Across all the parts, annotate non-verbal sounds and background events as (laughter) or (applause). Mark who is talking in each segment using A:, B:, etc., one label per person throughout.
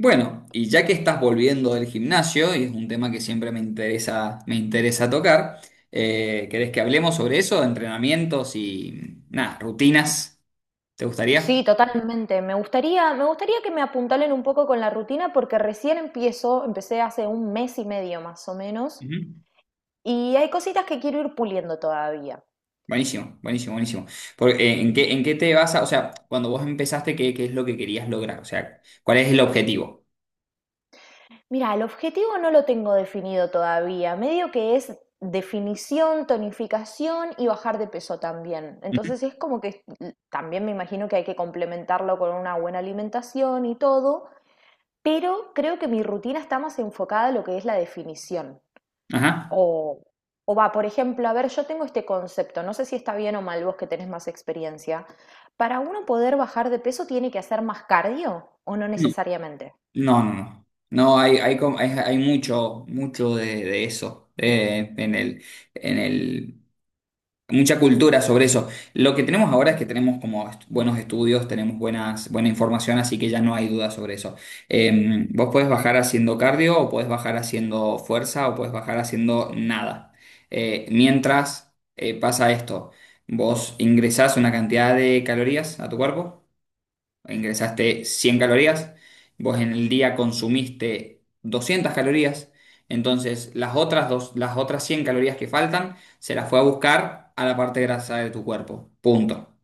A: Bueno, y ya que estás volviendo del gimnasio, y es un tema que siempre me interesa tocar, ¿querés que hablemos sobre eso? De entrenamientos y nada, rutinas. ¿Te gustaría?
B: Sí, totalmente. Me gustaría que me apuntalen un poco con la rutina porque empecé hace un mes y medio más o menos,
A: Ujú.
B: y hay cositas que quiero ir puliendo todavía.
A: Buenísimo, buenísimo, buenísimo. Porque, en qué te vas a, o sea, cuando vos empezaste, ¿qué, qué es lo que querías lograr? O sea, ¿cuál es el objetivo?
B: Mira, el objetivo no lo tengo definido todavía, medio que es definición, tonificación y bajar de peso también.
A: Ujú.
B: Entonces es como que también me imagino que hay que complementarlo con una buena alimentación y todo, pero creo que mi rutina está más enfocada a lo que es la definición.
A: Ajá.
B: O, o va, por ejemplo, a ver, yo tengo este concepto, no sé si está bien o mal, vos que tenés más experiencia. ¿Para uno poder bajar de peso tiene que hacer más cardio o no
A: No,
B: necesariamente?
A: no, no. No, no, hay, hay mucho, mucho de eso en el mucha cultura sobre eso. Lo que tenemos ahora es
B: Ujú,
A: que tenemos buenos estudios, tenemos buenas, buena información, así que ya no hay duda sobre eso. Vos podés bajar haciendo cardio, o podés bajar haciendo fuerza, o podés bajar haciendo nada. Mientras pasa esto, vos ingresás una cantidad de calorías a tu cuerpo, ingresaste 100 calorías, vos en el día consumiste 200 calorías, entonces las otras, dos, las otras 100 calorías que faltan se las fue a buscar a la parte grasa de tu cuerpo. Punto.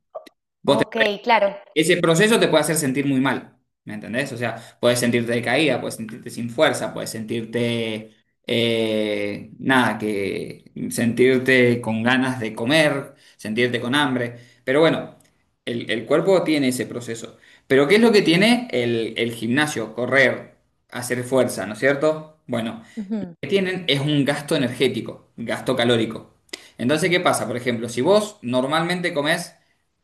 A: Vos,
B: ok, claro,
A: ese proceso te puede hacer sentir muy mal, ¿me entendés? O sea, puedes sentirte decaída, puedes sentirte sin fuerza, puedes sentirte, nada, que sentirte con ganas de comer, sentirte con hambre, pero bueno, el cuerpo tiene ese proceso. Pero ¿qué es lo que tiene el gimnasio? Correr, hacer fuerza, ¿no es cierto? Bueno,
B: ujú,
A: que tienen es un gasto energético, gasto calórico. Entonces, ¿qué pasa? Por ejemplo, si vos normalmente comés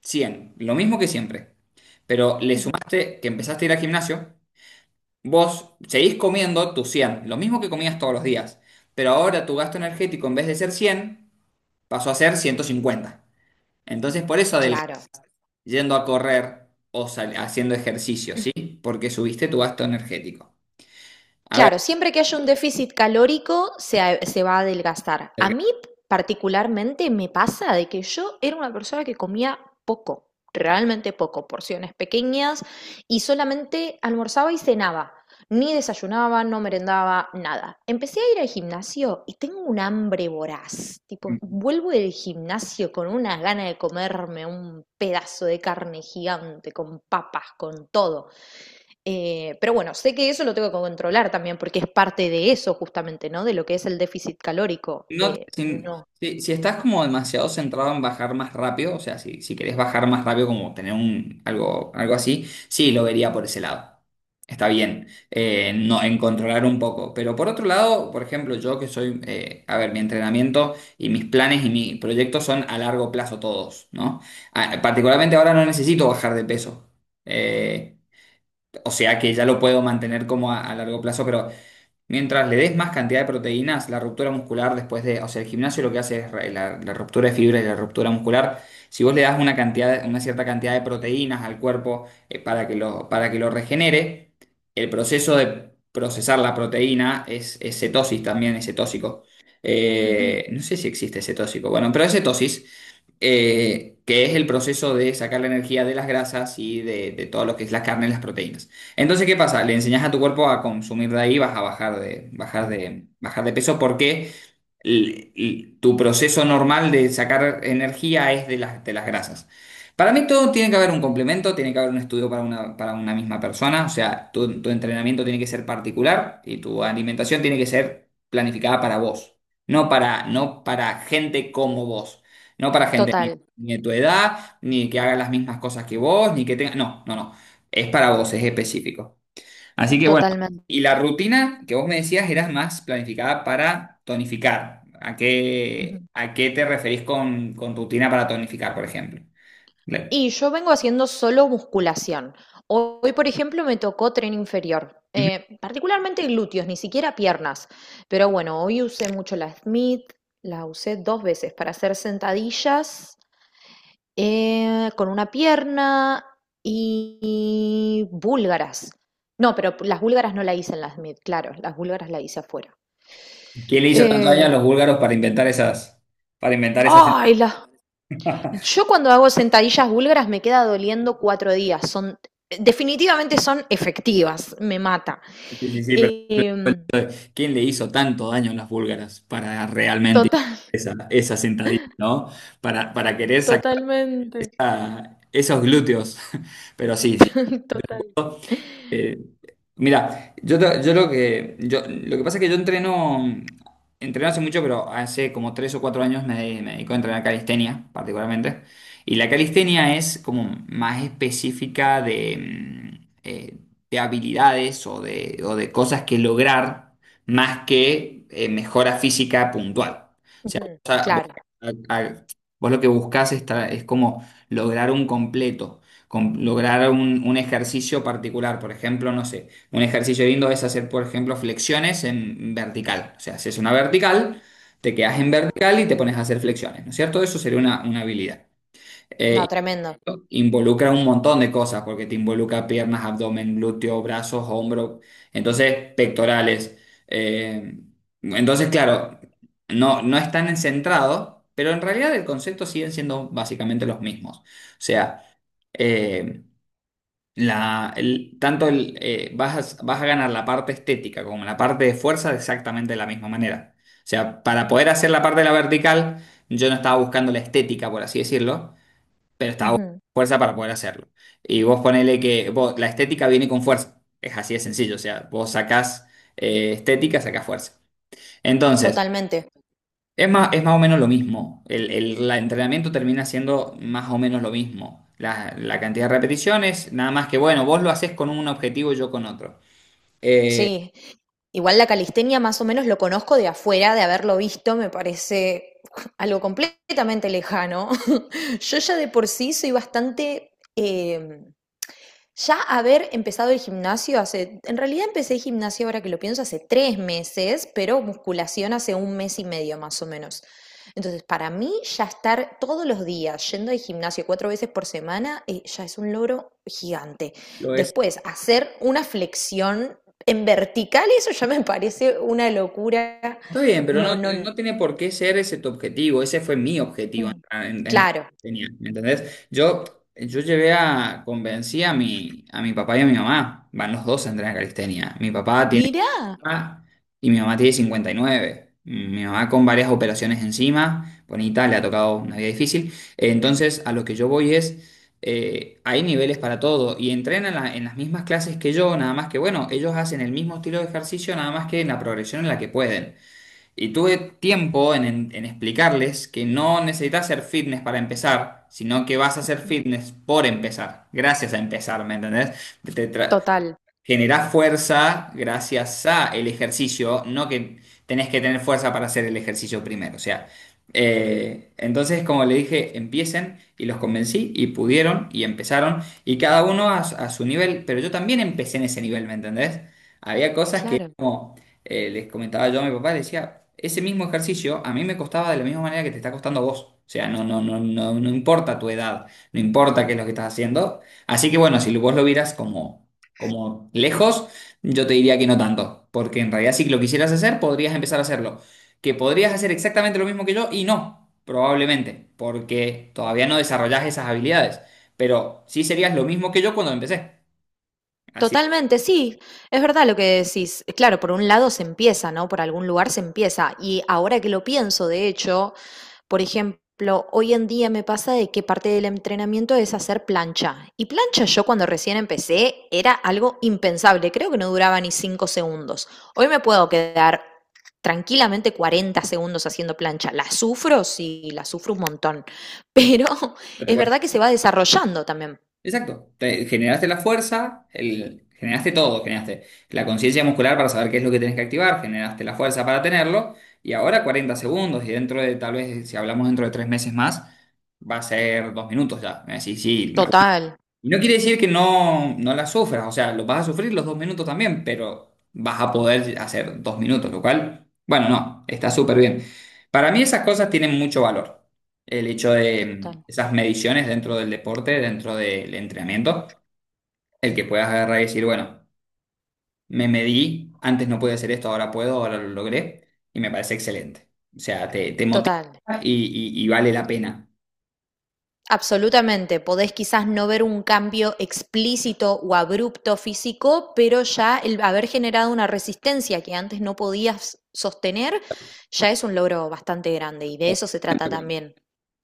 A: 100, lo mismo que siempre, pero le
B: ujú,
A: sumaste que empezaste a ir al gimnasio, vos seguís comiendo tus 100, lo mismo que comías todos los días, pero ahora tu gasto energético en vez de ser 100 pasó a ser 150. Entonces, por eso adelgazás
B: claro.
A: yendo a correr o haciendo ejercicio, ¿sí? Porque subiste tu gasto energético. A ver,
B: Claro, siempre que haya un déficit calórico se va a adelgazar. A mí particularmente me pasa de que yo era una persona que comía poco, realmente poco, porciones pequeñas, y solamente almorzaba y cenaba. Ni desayunaba, no merendaba, nada. Empecé a ir al gimnasio y tengo un hambre voraz. Tipo, vuelvo del gimnasio con una gana de comerme un pedazo de carne gigante, con papas, con todo. Pero bueno, sé que eso lo tengo que controlar también, porque es parte de eso justamente, ¿no? De lo que es el déficit calórico.
A: no, si,
B: No.
A: si estás como demasiado centrado en bajar más rápido, o sea, si, si querés bajar más rápido, como tener un, algo, algo así, sí, lo vería por ese lado. Está bien, no, en controlar un poco. Pero por otro lado, por ejemplo, yo que soy, a ver, mi entrenamiento y mis planes y mis proyectos son a largo plazo todos, ¿no? Ah, particularmente ahora no necesito bajar de peso. Eh, o sea que ya lo puedo mantener como a largo plazo, pero mientras le des más cantidad de proteínas, la ruptura muscular después de, o sea, el gimnasio lo que hace es la, la ruptura de fibra y la ruptura muscular. Si vos le das una cantidad, una cierta cantidad de proteínas al cuerpo para que lo regenere, el proceso de procesar la proteína es cetosis también, es cetósico.
B: Ujú.
A: No sé si existe cetósico, bueno, pero es cetosis que es el proceso de sacar la energía de las grasas y de todo lo que es la carne y las proteínas. Entonces, ¿qué pasa? Le enseñas a tu cuerpo a consumir de ahí, vas a bajar de, bajar de, bajar de peso. Por qué tu proceso normal de sacar energía es de las grasas. Para mí todo tiene que haber un complemento, tiene que haber un estudio para una misma persona, o sea, tu entrenamiento tiene que ser particular y tu alimentación tiene que ser planificada para vos, no para, no para gente como vos, no para gente ni,
B: Total,
A: ni de tu edad, ni que haga las mismas cosas que vos, ni que tenga... No, no, no, es para vos, es específico. Así que bueno,
B: totalmente.
A: y la rutina que vos me decías era más planificada para tonificar.
B: Ujú.
A: A qué te referís con rutina para tonificar, por ejemplo? Le-
B: Y yo vengo haciendo solo musculación. Hoy, por ejemplo, me tocó tren inferior,
A: Ujú.
B: particularmente glúteos, ni siquiera piernas. Pero bueno, hoy usé mucho la Smith, la usé dos veces para hacer sentadillas, con una pierna, y búlgaras. No, pero las búlgaras no la hice en las mid, claro, las búlgaras la hice afuera.
A: ¿Qué le hizo tanto daño a
B: Eh,
A: los búlgaros para inventar esas...
B: Ay,
A: (laughs)
B: yo cuando hago sentadillas búlgaras me queda doliendo 4 días. Definitivamente son efectivas, me mata.
A: Sí, sí, sí, pero
B: Em,
A: ¿quién le hizo tanto daño a las búlgaras para realmente
B: Total, (laughs)
A: esa, esa sentadilla, ¿no? Para querer sacar
B: totalmente.
A: esos glúteos. (laughs) Pero sí, sí.
B: (laughs) Total.
A: eh, Mira, yo, yo lo que yo, lo que pasa es que yo entreno hace mucho, pero hace como tres o cuatro años me, me dedico a entrenar calistenia, particularmente. Y la calistenia es como más específica de, de habilidades o de cosas que lograr más que mejora física puntual. O sea,
B: Ujú,
A: vos, vos
B: claro.
A: a- a- vos lo que buscás es, es como lograr un completo, lograr un ejercicio particular. Por ejemplo, no sé. Un ejercicio lindo es hacer, por ejemplo, flexiones en vertical. O sea, haces una vertical, te quedas en vertical y te pones a hacer flexiones, ¿no es cierto? Eso sería una habilidad. Eh,
B: No, tremendo.
A: involucra un montón de cosas, porque te involucra piernas, abdomen, glúteo, brazos, hombro, entonces pectorales. Eh, entonces, claro, no, no están centrados, pero en realidad el concepto siguen siendo básicamente los mismos. O sea, eh, la, tanto el, vas a, vas a ganar la parte estética como la parte de fuerza de exactamente la misma manera. O sea, para poder hacer la parte de la vertical, yo no estaba buscando la estética, por así decirlo, pero estaba buscando
B: Ujú,
A: fuerza para poder hacerlo. Y vos ponele que la estética viene con fuerza. Es así de sencillo. O sea, vos sacás estética, sacás fuerza. Entonces,
B: totalmente.
A: es más o menos lo mismo. El, la entrenamiento termina siendo más o menos lo mismo. La cantidad de repeticiones, nada más que, bueno, vos lo haces con un objetivo y yo con otro. Eh,
B: Sí, igual la calistenia más o menos lo conozco de afuera, de haberlo visto, me parece algo completamente lejano. (laughs) Yo ya de por sí soy bastante, ya haber empezado el gimnasio hace, en realidad empecé gimnasio, ahora que lo pienso, hace 3 meses, pero musculación hace un mes y medio más o menos. Entonces, para mí ya estar todos los días yendo al gimnasio cuatro veces por semana, ya es un logro gigante.
A: lo es.
B: Después, hacer una flexión en vertical, eso ya me parece una locura.
A: Está bien, pero
B: No,
A: no,
B: no,
A: no tiene por qué ser ese tu objetivo. Ese fue mi objetivo.
B: mm, claro.
A: Tenía, ¿me entendés? Yo llevé a, convencí a mi papá y a mi mamá. Van los dos a entrenar calistenia. Mi papá tiene
B: Mirá.
A: mamá y mi mamá tiene 59. Mi mamá con varias operaciones encima, bonita, le ha tocado una vida difícil. Entonces, a lo que yo voy es, hay niveles para todo y entrenan en en las mismas clases que yo, nada más que, bueno, ellos hacen el mismo estilo de ejercicio, nada más que en la progresión en la que pueden. Y tuve tiempo en, en explicarles que no necesitas hacer fitness para empezar, sino que vas a hacer fitness por empezar, gracias a empezar, ¿me entendés? Te- te tra-
B: Total.
A: Generás fuerza gracias a el ejercicio, no que tenés que tener fuerza para hacer el ejercicio primero. O sea, entonces, como le dije, empiecen y los convencí y pudieron y empezaron y cada uno a su nivel, pero yo también empecé en ese nivel, ¿me entendés? Había cosas que,
B: Claro.
A: como les comentaba yo a mi papá, le decía, ese mismo ejercicio a mí me costaba de la misma manera que te está costando a vos. O sea, no, no, no, no, no importa tu edad, no importa qué es lo que estás haciendo. Así que bueno, si vos lo vieras como como lejos, yo te diría que no tanto, porque en realidad si lo quisieras hacer, podrías empezar a hacerlo. Que podrías hacer exactamente lo mismo que yo y no, probablemente, porque todavía no desarrollás esas habilidades, pero sí serías lo mismo que yo cuando empecé. Así
B: Totalmente, sí, es verdad lo que decís. Claro, por un lado se empieza, ¿no? Por algún lugar se empieza. Y ahora que lo pienso, de hecho, por ejemplo, hoy en día me pasa de que parte del entrenamiento es hacer plancha. Y plancha, yo cuando recién empecé era algo impensable, creo que no duraba ni 5 segundos. Hoy me puedo quedar tranquilamente 40 segundos haciendo plancha. La sufro, sí, la sufro un montón, pero (laughs)
A: que
B: es verdad que se va desarrollando también.
A: Exacto, generaste la fuerza, el, generaste todo, generaste la conciencia muscular para saber qué es lo que tenés que activar, generaste la fuerza para tenerlo y ahora 40 segundos y dentro de, tal vez si hablamos dentro de 3 meses más, va a ser 2 minutos ya. Sí, sí,
B: Total.
A: y no quiere decir que no, no la sufras, o sea, lo vas a sufrir los 2 minutos también, pero vas a poder hacer 2 minutos, lo cual, bueno, no, está súper bien. Para mí esas cosas tienen mucho valor, el hecho de
B: Total.
A: esas mediciones dentro del deporte, dentro del entrenamiento, el que puedas agarrar y decir, bueno, me medí, antes no podía hacer esto, ahora puedo, ahora lo logré, y me parece excelente. O sea, te motiva
B: Total.
A: y vale la pena.
B: Absolutamente, podés quizás no ver un cambio explícito o abrupto físico, pero ya el haber generado una resistencia que antes no podías sostener ya es un logro bastante grande, y de eso se trata también.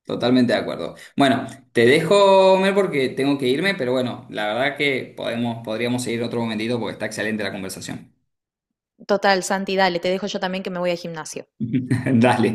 A: Totalmente de acuerdo. Bueno, te dejo, Mer, porque tengo que irme, pero bueno, la verdad que podemos, podríamos seguir otro momentito porque está excelente la conversación.
B: Total, Santi, dale, te dejo yo también que me voy al gimnasio.
A: (laughs) Dale.